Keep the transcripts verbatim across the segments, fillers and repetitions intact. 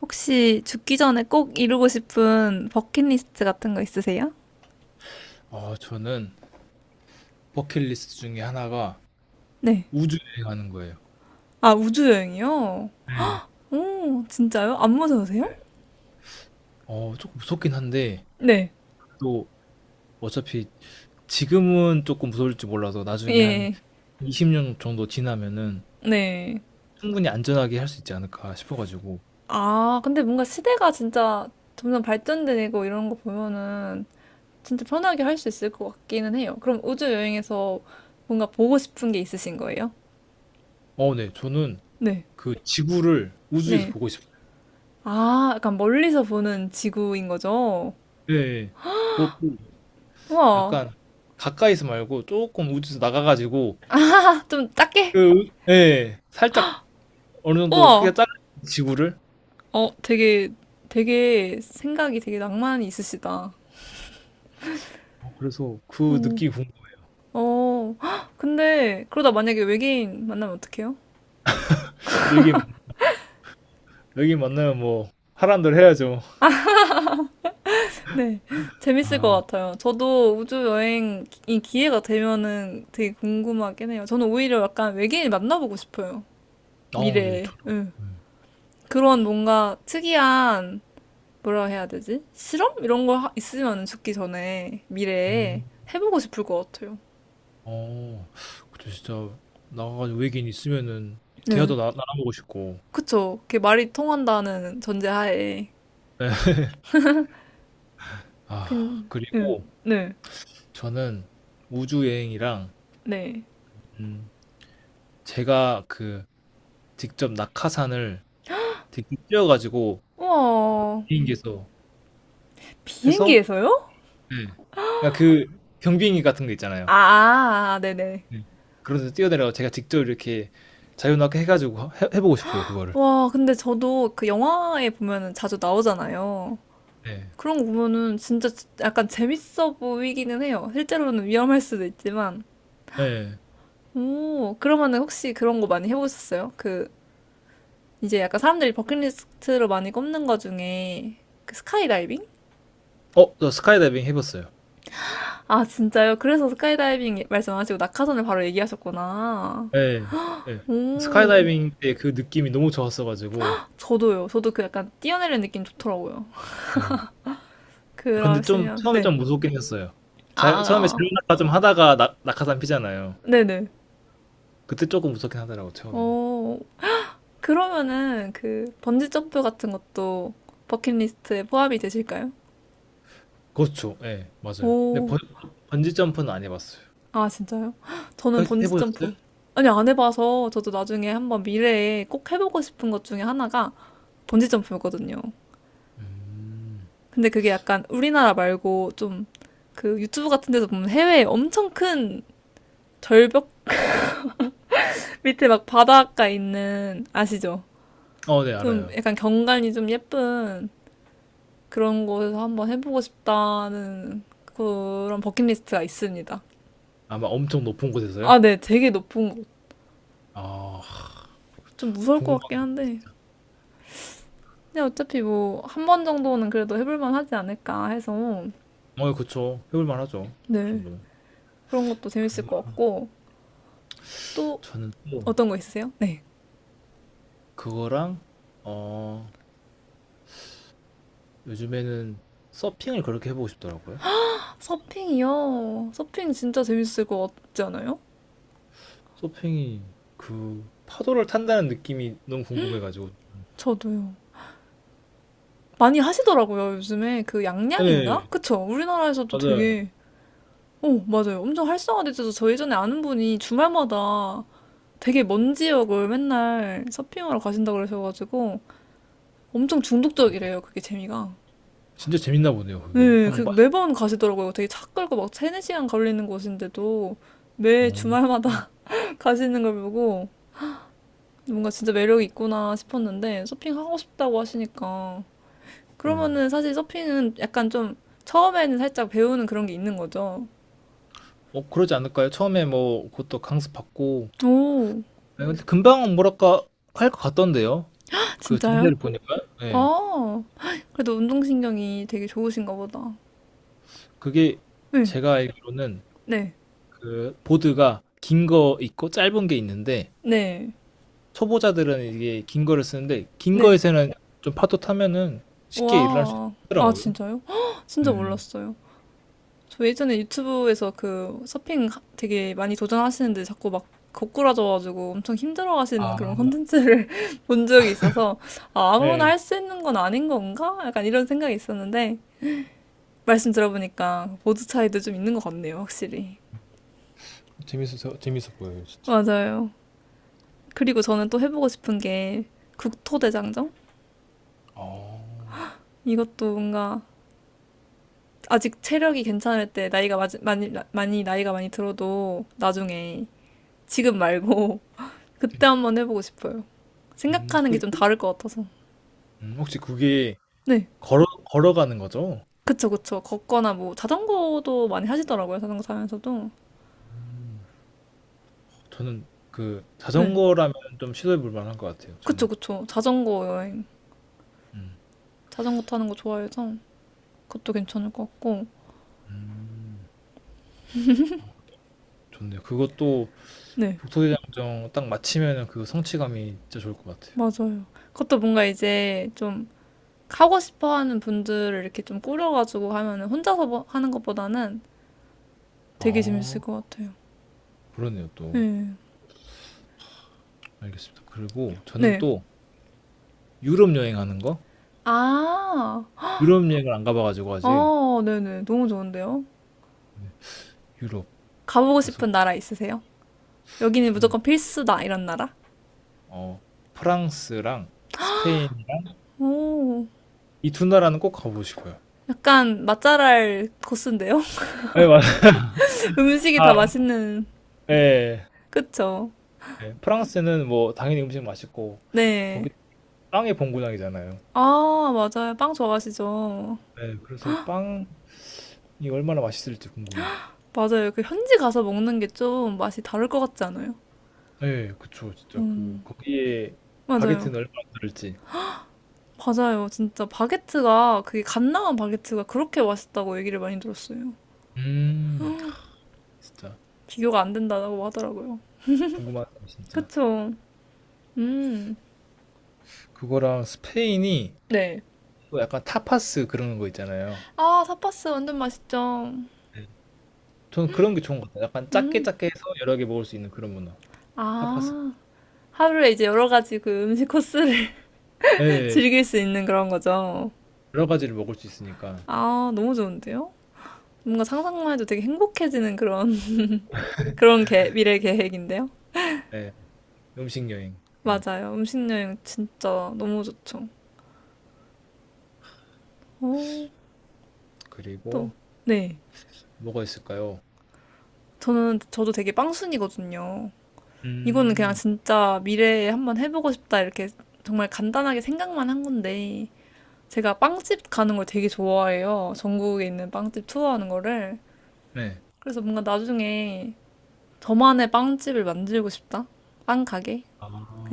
혹시 죽기 전에 꼭 이루고 싶은 버킷리스트 같은 거 있으세요? 어, 저는 버킷리스트 중에 하나가 네. 우주 여행하는 거예요. 아, 우주 여행이요? 네. 오, 진짜요? 안 무서우세요? 어, 조금 무섭긴 한데, 네. 또 어차피 지금은 조금 무서울지 몰라도 나중에 한 예. 이십 년 정도 지나면은 네. 충분히 안전하게 할 수 있지 않을까 싶어가지고. 아, 근데 뭔가 시대가 진짜 점점 발전되고 이런 거 보면은 진짜 편하게 할 수 있을 것 같기는 해요. 그럼 우주 여행에서 뭔가 보고 싶은 게 있으신 거예요? 어, 네. 저는 네. 그 지구를 우주에서 네. 보고 싶어요. 아, 약간 멀리서 보는 지구인 거죠? 예, 예. 그것도 우와. 약간 가까이서 말고 조금 우주에서 나가가지고, 아, 좀 그, 작게. 우- 예, 살짝 어느 정도 크기가 우와. 작은 지구를. 어, 되게, 되게 생각이 되게 낭만이 있으시다. 어, 그래서 그 어, 느낌이 궁금해요. 어, 헉, 근데 그러다 만약에 외계인 만나면 어떡해요? 이게 여기 만나면 뭐 하란 대로 해야죠. 네, 재밌을 것 아, 같아요. 저도 우주 여행이 기회가 되면은 되게 궁금하긴 해요. 저는 오히려 약간 외계인 만나보고 싶어요. 아, 네, 미래에. 저도. 응. 음, 그런 뭔가 특이한, 뭐라 해야 되지? 실험? 이런 거 하- 있으면 죽기 전에 미래에 음, 해보고 싶을 것 같아요. 어, 그때 진짜 나가가지고 외계인 있으면은 네. 대화도 나, 나눠보고 싶고. 그쵸. 그게 말이 통한다는 전제하에. 네. 아, 근, 네, 그리고 네, 저는 우주 여행이랑 네. 음, 제가 그 직접 낙하산을 직접 뛰어가지고 우와, 비행기에서 해서, 비행기에서요? 네. 그러니까 그 경비행기 같은 거 아, 있잖아요. 아, 아, 네네. 네. 그런 데서 뛰어내려가 제가 직접 이렇게 자유낙하 해가지고 해, 해보고 싶어요, 그거를. 와, 근데 저도 그 영화에 보면은 자주 나오잖아요. 네. 그런 거 보면은 진짜 약간 재밌어 보이기는 해요. 실제로는 위험할 수도 있지만. 네. 오, 그러면은 혹시 그런 거 많이 해보셨어요? 그, 이제 약간 사람들이 버킷리스트로 많이 꼽는 거 중에 그 스카이다이빙? 어, 저 스카이다이빙 해봤어요. 아, 진짜요? 그래서 스카이다이빙 말씀하시고 낙하산을 바로 얘기하셨구나. 예. 예. 오. 스카이다이빙 때 그 느낌이 너무 좋았어가지고. 저도요. 저도 그 약간 뛰어내리는 느낌 좋더라고요. 예. 근데 좀 그러시면 처음에 네. 좀 무섭긴 했어요. 자, 처음에 아, 자유낙하 좀 하다가 낙, 낙하산 피잖아요. 네네. 그때 조금 무섭긴 하더라고 처음에는. 어, 그러면은 그 번지 점프 같은 것도 버킷리스트에 포함이 되실까요? 그렇죠. 예, 맞아요. 근데 오, 번, 번지 점프는 안 해봤어요. 아 진짜요? 헉, 해, 저는 번지 해보셨어요? 점프 아니 안 해봐서 저도 나중에 한번 미래에 꼭 해보고 싶은 것 중에 하나가 번지 점프였거든요. 음. 근데 그게 약간 우리나라 말고 좀 그 유튜브 같은 데서 보면 해외에 엄청 큰 절벽 밑에 막 바닷가 있는, 아시죠? 어, 네, 좀 알아요. 약간 경관이 좀 예쁜 그런 곳에서 한번 해보고 싶다는 그런 버킷리스트가 있습니다. 아마 엄청 높은 곳에서요? 아, 네. 되게 높은 곳. 아, 좀 무서울 것 같긴 궁금하게. 한데. 근데 어차피 뭐, 한 번 정도는 그래도 해볼만 하지 않을까 해서, 어, 예, 그쵸. 해볼 만하죠. 그 네. 정도면. 그런 것도 재밌을 것 그거 같고, 또 저는 또 어떤 거 있으세요? 네. 그거랑 어 요즘에는 서핑을 그렇게 해보고 싶더라고요. 서핑이요. 서핑 진짜 재밌을 것 같지 않아요? 서핑이 그 파도를 탄다는 느낌이 너무 궁금해가지고. 저도요. 많이 하시더라고요, 요즘에. 그 양양인가? 네, 그쵸? 우리나라에서도 맞아요. 되게, 어, 맞아요. 엄청 활성화돼서 저 예전에 아는 분이 주말마다 되게 먼 지역을 맨날 서핑하러 가신다고 그러셔가지고 엄청 중독적이래요, 그게 재미가. 진짜 재밌나 보네요, 그게. 네, 그 한번 매번 가시더라고요. 되게 차 끌고 막 세네 시간 걸리는 곳인데도 매 빠지면. 주말마다 가시는 걸 보고 뭔가 진짜 매력이 있구나 싶었는데 서핑하고 싶다고 하시니까 네. 그러면은 사실 서핑은 약간 좀 처음에는 살짝 배우는 그런 게 있는 거죠. 뭐 그러지 않을까요? 처음에 뭐 그것도 강습 받고. 오, 네, 근데 금방 뭐랄까 할 것 같던데요. 그 진짜요? 자세를 보니까. 네. 아, 그래도 운동신경이 되게 좋으신가 보다. 그게 네, 제가 알기로는 네, 그 보드가 긴 거 있고 짧은 게 있는데 네, 초보자들은 이게 긴 거를 쓰는데 긴 네. 거에서는 좀 파도 타면은 쉽게 일을 할 수 와, 아, 있더라고요. 진짜요? 헉, 네. 진짜 몰랐어요. 저 예전에 유튜브에서 그 서핑 하- 되게 많이 도전하시는데 자꾸 막 거꾸라져가지고 엄청 힘들어 하시는 아, 그런 콘텐츠를 본 적이 있어서 아, 아무나 네. 할 수 있는 건 아닌 건가? 약간 이런 생각이 있었는데 말씀 들어보니까 보드 차이도 좀 있는 것 같네요, 확실히. 재밌어, 재밌어 보여요, 진짜. 맞아요. 그리고 저는 또 해보고 싶은 게 국토대장정? 어. 이것도 뭔가 아직 체력이 괜찮을 때 나이가 맞- 많이, 많이 나이가 많이 들어도 나중에 지금 말고 그때 네. 한번 해보고 싶어요. 음, 생각하는 게 혹시 좀 그, 다를 것 같아서. 음, 혹시 그게 네. 걸어 걸어가는 거죠? 그쵸, 그쵸. 걷거나 뭐 자전거도 많이 하시더라고요. 자전거 타면서도. 음. 저는 그 네. 자전거라면 좀 시도해 볼 만한 것 같아요. 그쵸, 저는. 그쵸. 자전거 여행. 음. 자전거 타는 거 좋아해서 그것도 괜찮을 것 같고. 음. 좋네요. 그것도 네. 북소대장정 딱 마치면은 그 성취감이 진짜 좋을 것 같아요. 맞아요. 그것도 뭔가 이제 좀 하고 싶어 하는 분들을 이렇게 좀 꾸려가지고 하면은 혼자서 뭐- 하는 것보다는 되게 아, 재밌을 것 같아요. 그러네요, 또. 네. 알겠습니다. 그리고 저는 네. 또 유럽 여행하는 거? 아, 유럽 여행을 안 가봐가지고 아직 어, 네네. 너무 좋은데요? 네, 유럽. 가보고 그래서 싶은 나라 있으세요? 여기는 저는 무조건 필수다, 이런 나라? 어 프랑스랑 스페인이랑 오, 이 두 나라는 꼭 가보고 싶어요. 약간 맛잘알 코스인데요? 네 맞아요. 음식이 다 아, 맛있는, 네, 그쵸? 네. 프랑스는 뭐 당연히 음식 맛있고 네. 거기 빵의 본고장이잖아요. 아, 맞아요. 빵 좋아하시죠? 네, 그래서 빵이 얼마나 맛있을지 궁금해요. 맞아요. 그 현지 가서 먹는 게 좀 맛이 다를 것 같지 않아요? 네, 그쵸. 진짜 그 거기에 맞아요. 바게트는 얼마나 들을지. 맞아요. 진짜 바게트가 그게 갓 나온 바게트가 그렇게 맛있다고 얘기를 많이 들었어요. 음, 진짜 비교가 안 된다고 하더라고요. 궁금하네요 진짜. 그쵸? 음. 그거랑 스페인이 네. 또 약간 타파스 그런 거 있잖아요. 아, 삿바스 완전 맛있죠. 네. 저는 그런 게 좋은 것 같아요. 약간 작게 작게 해서 여러 개 먹을 수 있는 그런 문화. 타파스. 아, 하루에 이제 여러 가지 그 음식 코스를 예. 즐길 수 있는 그런 거죠. 여러 가지를 먹을 수 있으니까. 아, 너무 좋은데요? 뭔가 상상만 해도 되게 행복해지는 그런 그런 계, 미래 계획인데요. 예. 음식 여행 이런 거. 맞아요. 음식 여행 진짜 너무 좋죠. 오, 또 그리고 네. 뭐가 있을까요? 저는 저도 되게 빵순이거든요. 이거는 그냥 음. 진짜 미래에 한번 해보고 싶다 이렇게 정말 간단하게 생각만 한 건데 제가 빵집 가는 걸 되게 좋아해요. 전국에 있는 빵집 투어하는 거를. 네. 그래서 뭔가 나중에 저만의 빵집을 만들고 싶다. 빵 가게.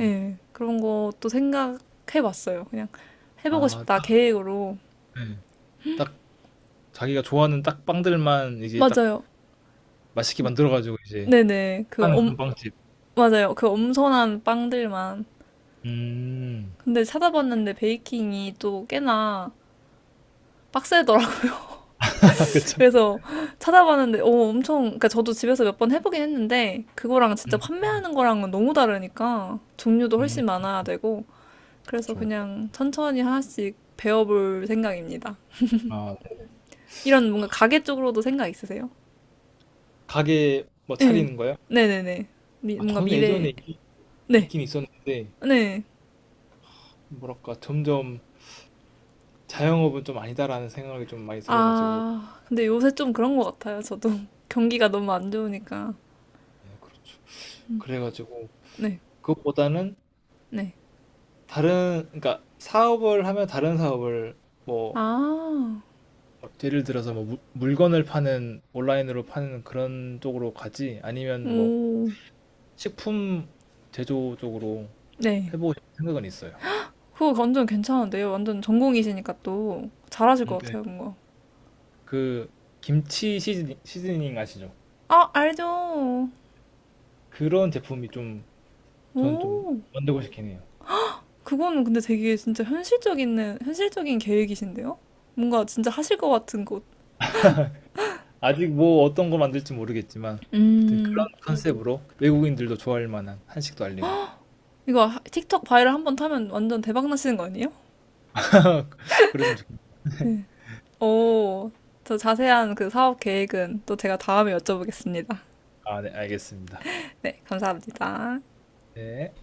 예. 네, 그런 것도 생각해봤어요. 그냥 해보고 아 싶다 딱 계획으로. 예. 딱 자기가 좋아하는 딱 빵들만 이제 딱 맞아요. 맛있게 네, 만들어 가지고 이제 네네. 그 파는 엄, 그런 빵집. 맞아요. 그 엄선한 빵들만. 음. 근데 찾아봤는데 베이킹이 또 꽤나 빡세더라고요. 그쵸. 그래서 찾아봤는데, 오, 엄청, 그러니까 저도 집에서 몇 번 해보긴 했는데, 그거랑 진짜 음. 판매하는 거랑은 너무 다르니까, 종류도 음. 훨씬 많아야 되고, 그래서 그쵸. 그냥 천천히 하나씩 배워볼 생각입니다. 아 네. 이런 뭔가 가게 쪽으로도 생각 있으세요? 가게 뭐 네. 차리는 거요? 네네네. 미- 아 뭔가 저는 미래, 예전에 있 네. 있긴 있었는데 네. 뭐랄까 점점 자영업은 좀 아니다라는 생각이 좀 많이 들어 가지고 아, 근데 요새 좀 그런 것 같아요. 저도. 경기가 너무 안 좋으니까. 네 그렇죠. 그래 가지고 네. 그것보다는 네. 다른 그러니까 사업을 하면 다른 사업을 뭐 아, 예를 들어서 뭐 물 물건을 파는 온라인으로 파는 그런 쪽으로 가지 아니면 뭐 오, 식품 제조 쪽으로 네. 해 보고 싶은 생각은 있어요. 그거 완전 괜찮은데요. 완전 전공이시니까 또 잘하실 음 것 네. 같아요, 뭔가. 그 김치 시즈 시즈닝 아시죠? 아, 알죠. 그런 제품이 좀 저는 좀 오, 만들고 싶긴 해요. 그거는 근데 되게 진짜 현실적인, 현실적인 계획이신데요? 뭔가 진짜 하실 것 같은 곳. 아직 뭐 어떤 거 만들지 모르겠지만 아무튼 그런 음, 컨셉으로 외국인들도 좋아할 만한 한식도 알리고 이거 하- 틱톡 바이럴 한번 타면 완전 대박 나시는 거 아니에요? 그랬으면 좋겠다. 오, 저 자세한 그 사업 계획은 또 제가 다음에 여쭤보겠습니다. 아, 네, 알겠습니다. 네, 감사합니다. 네.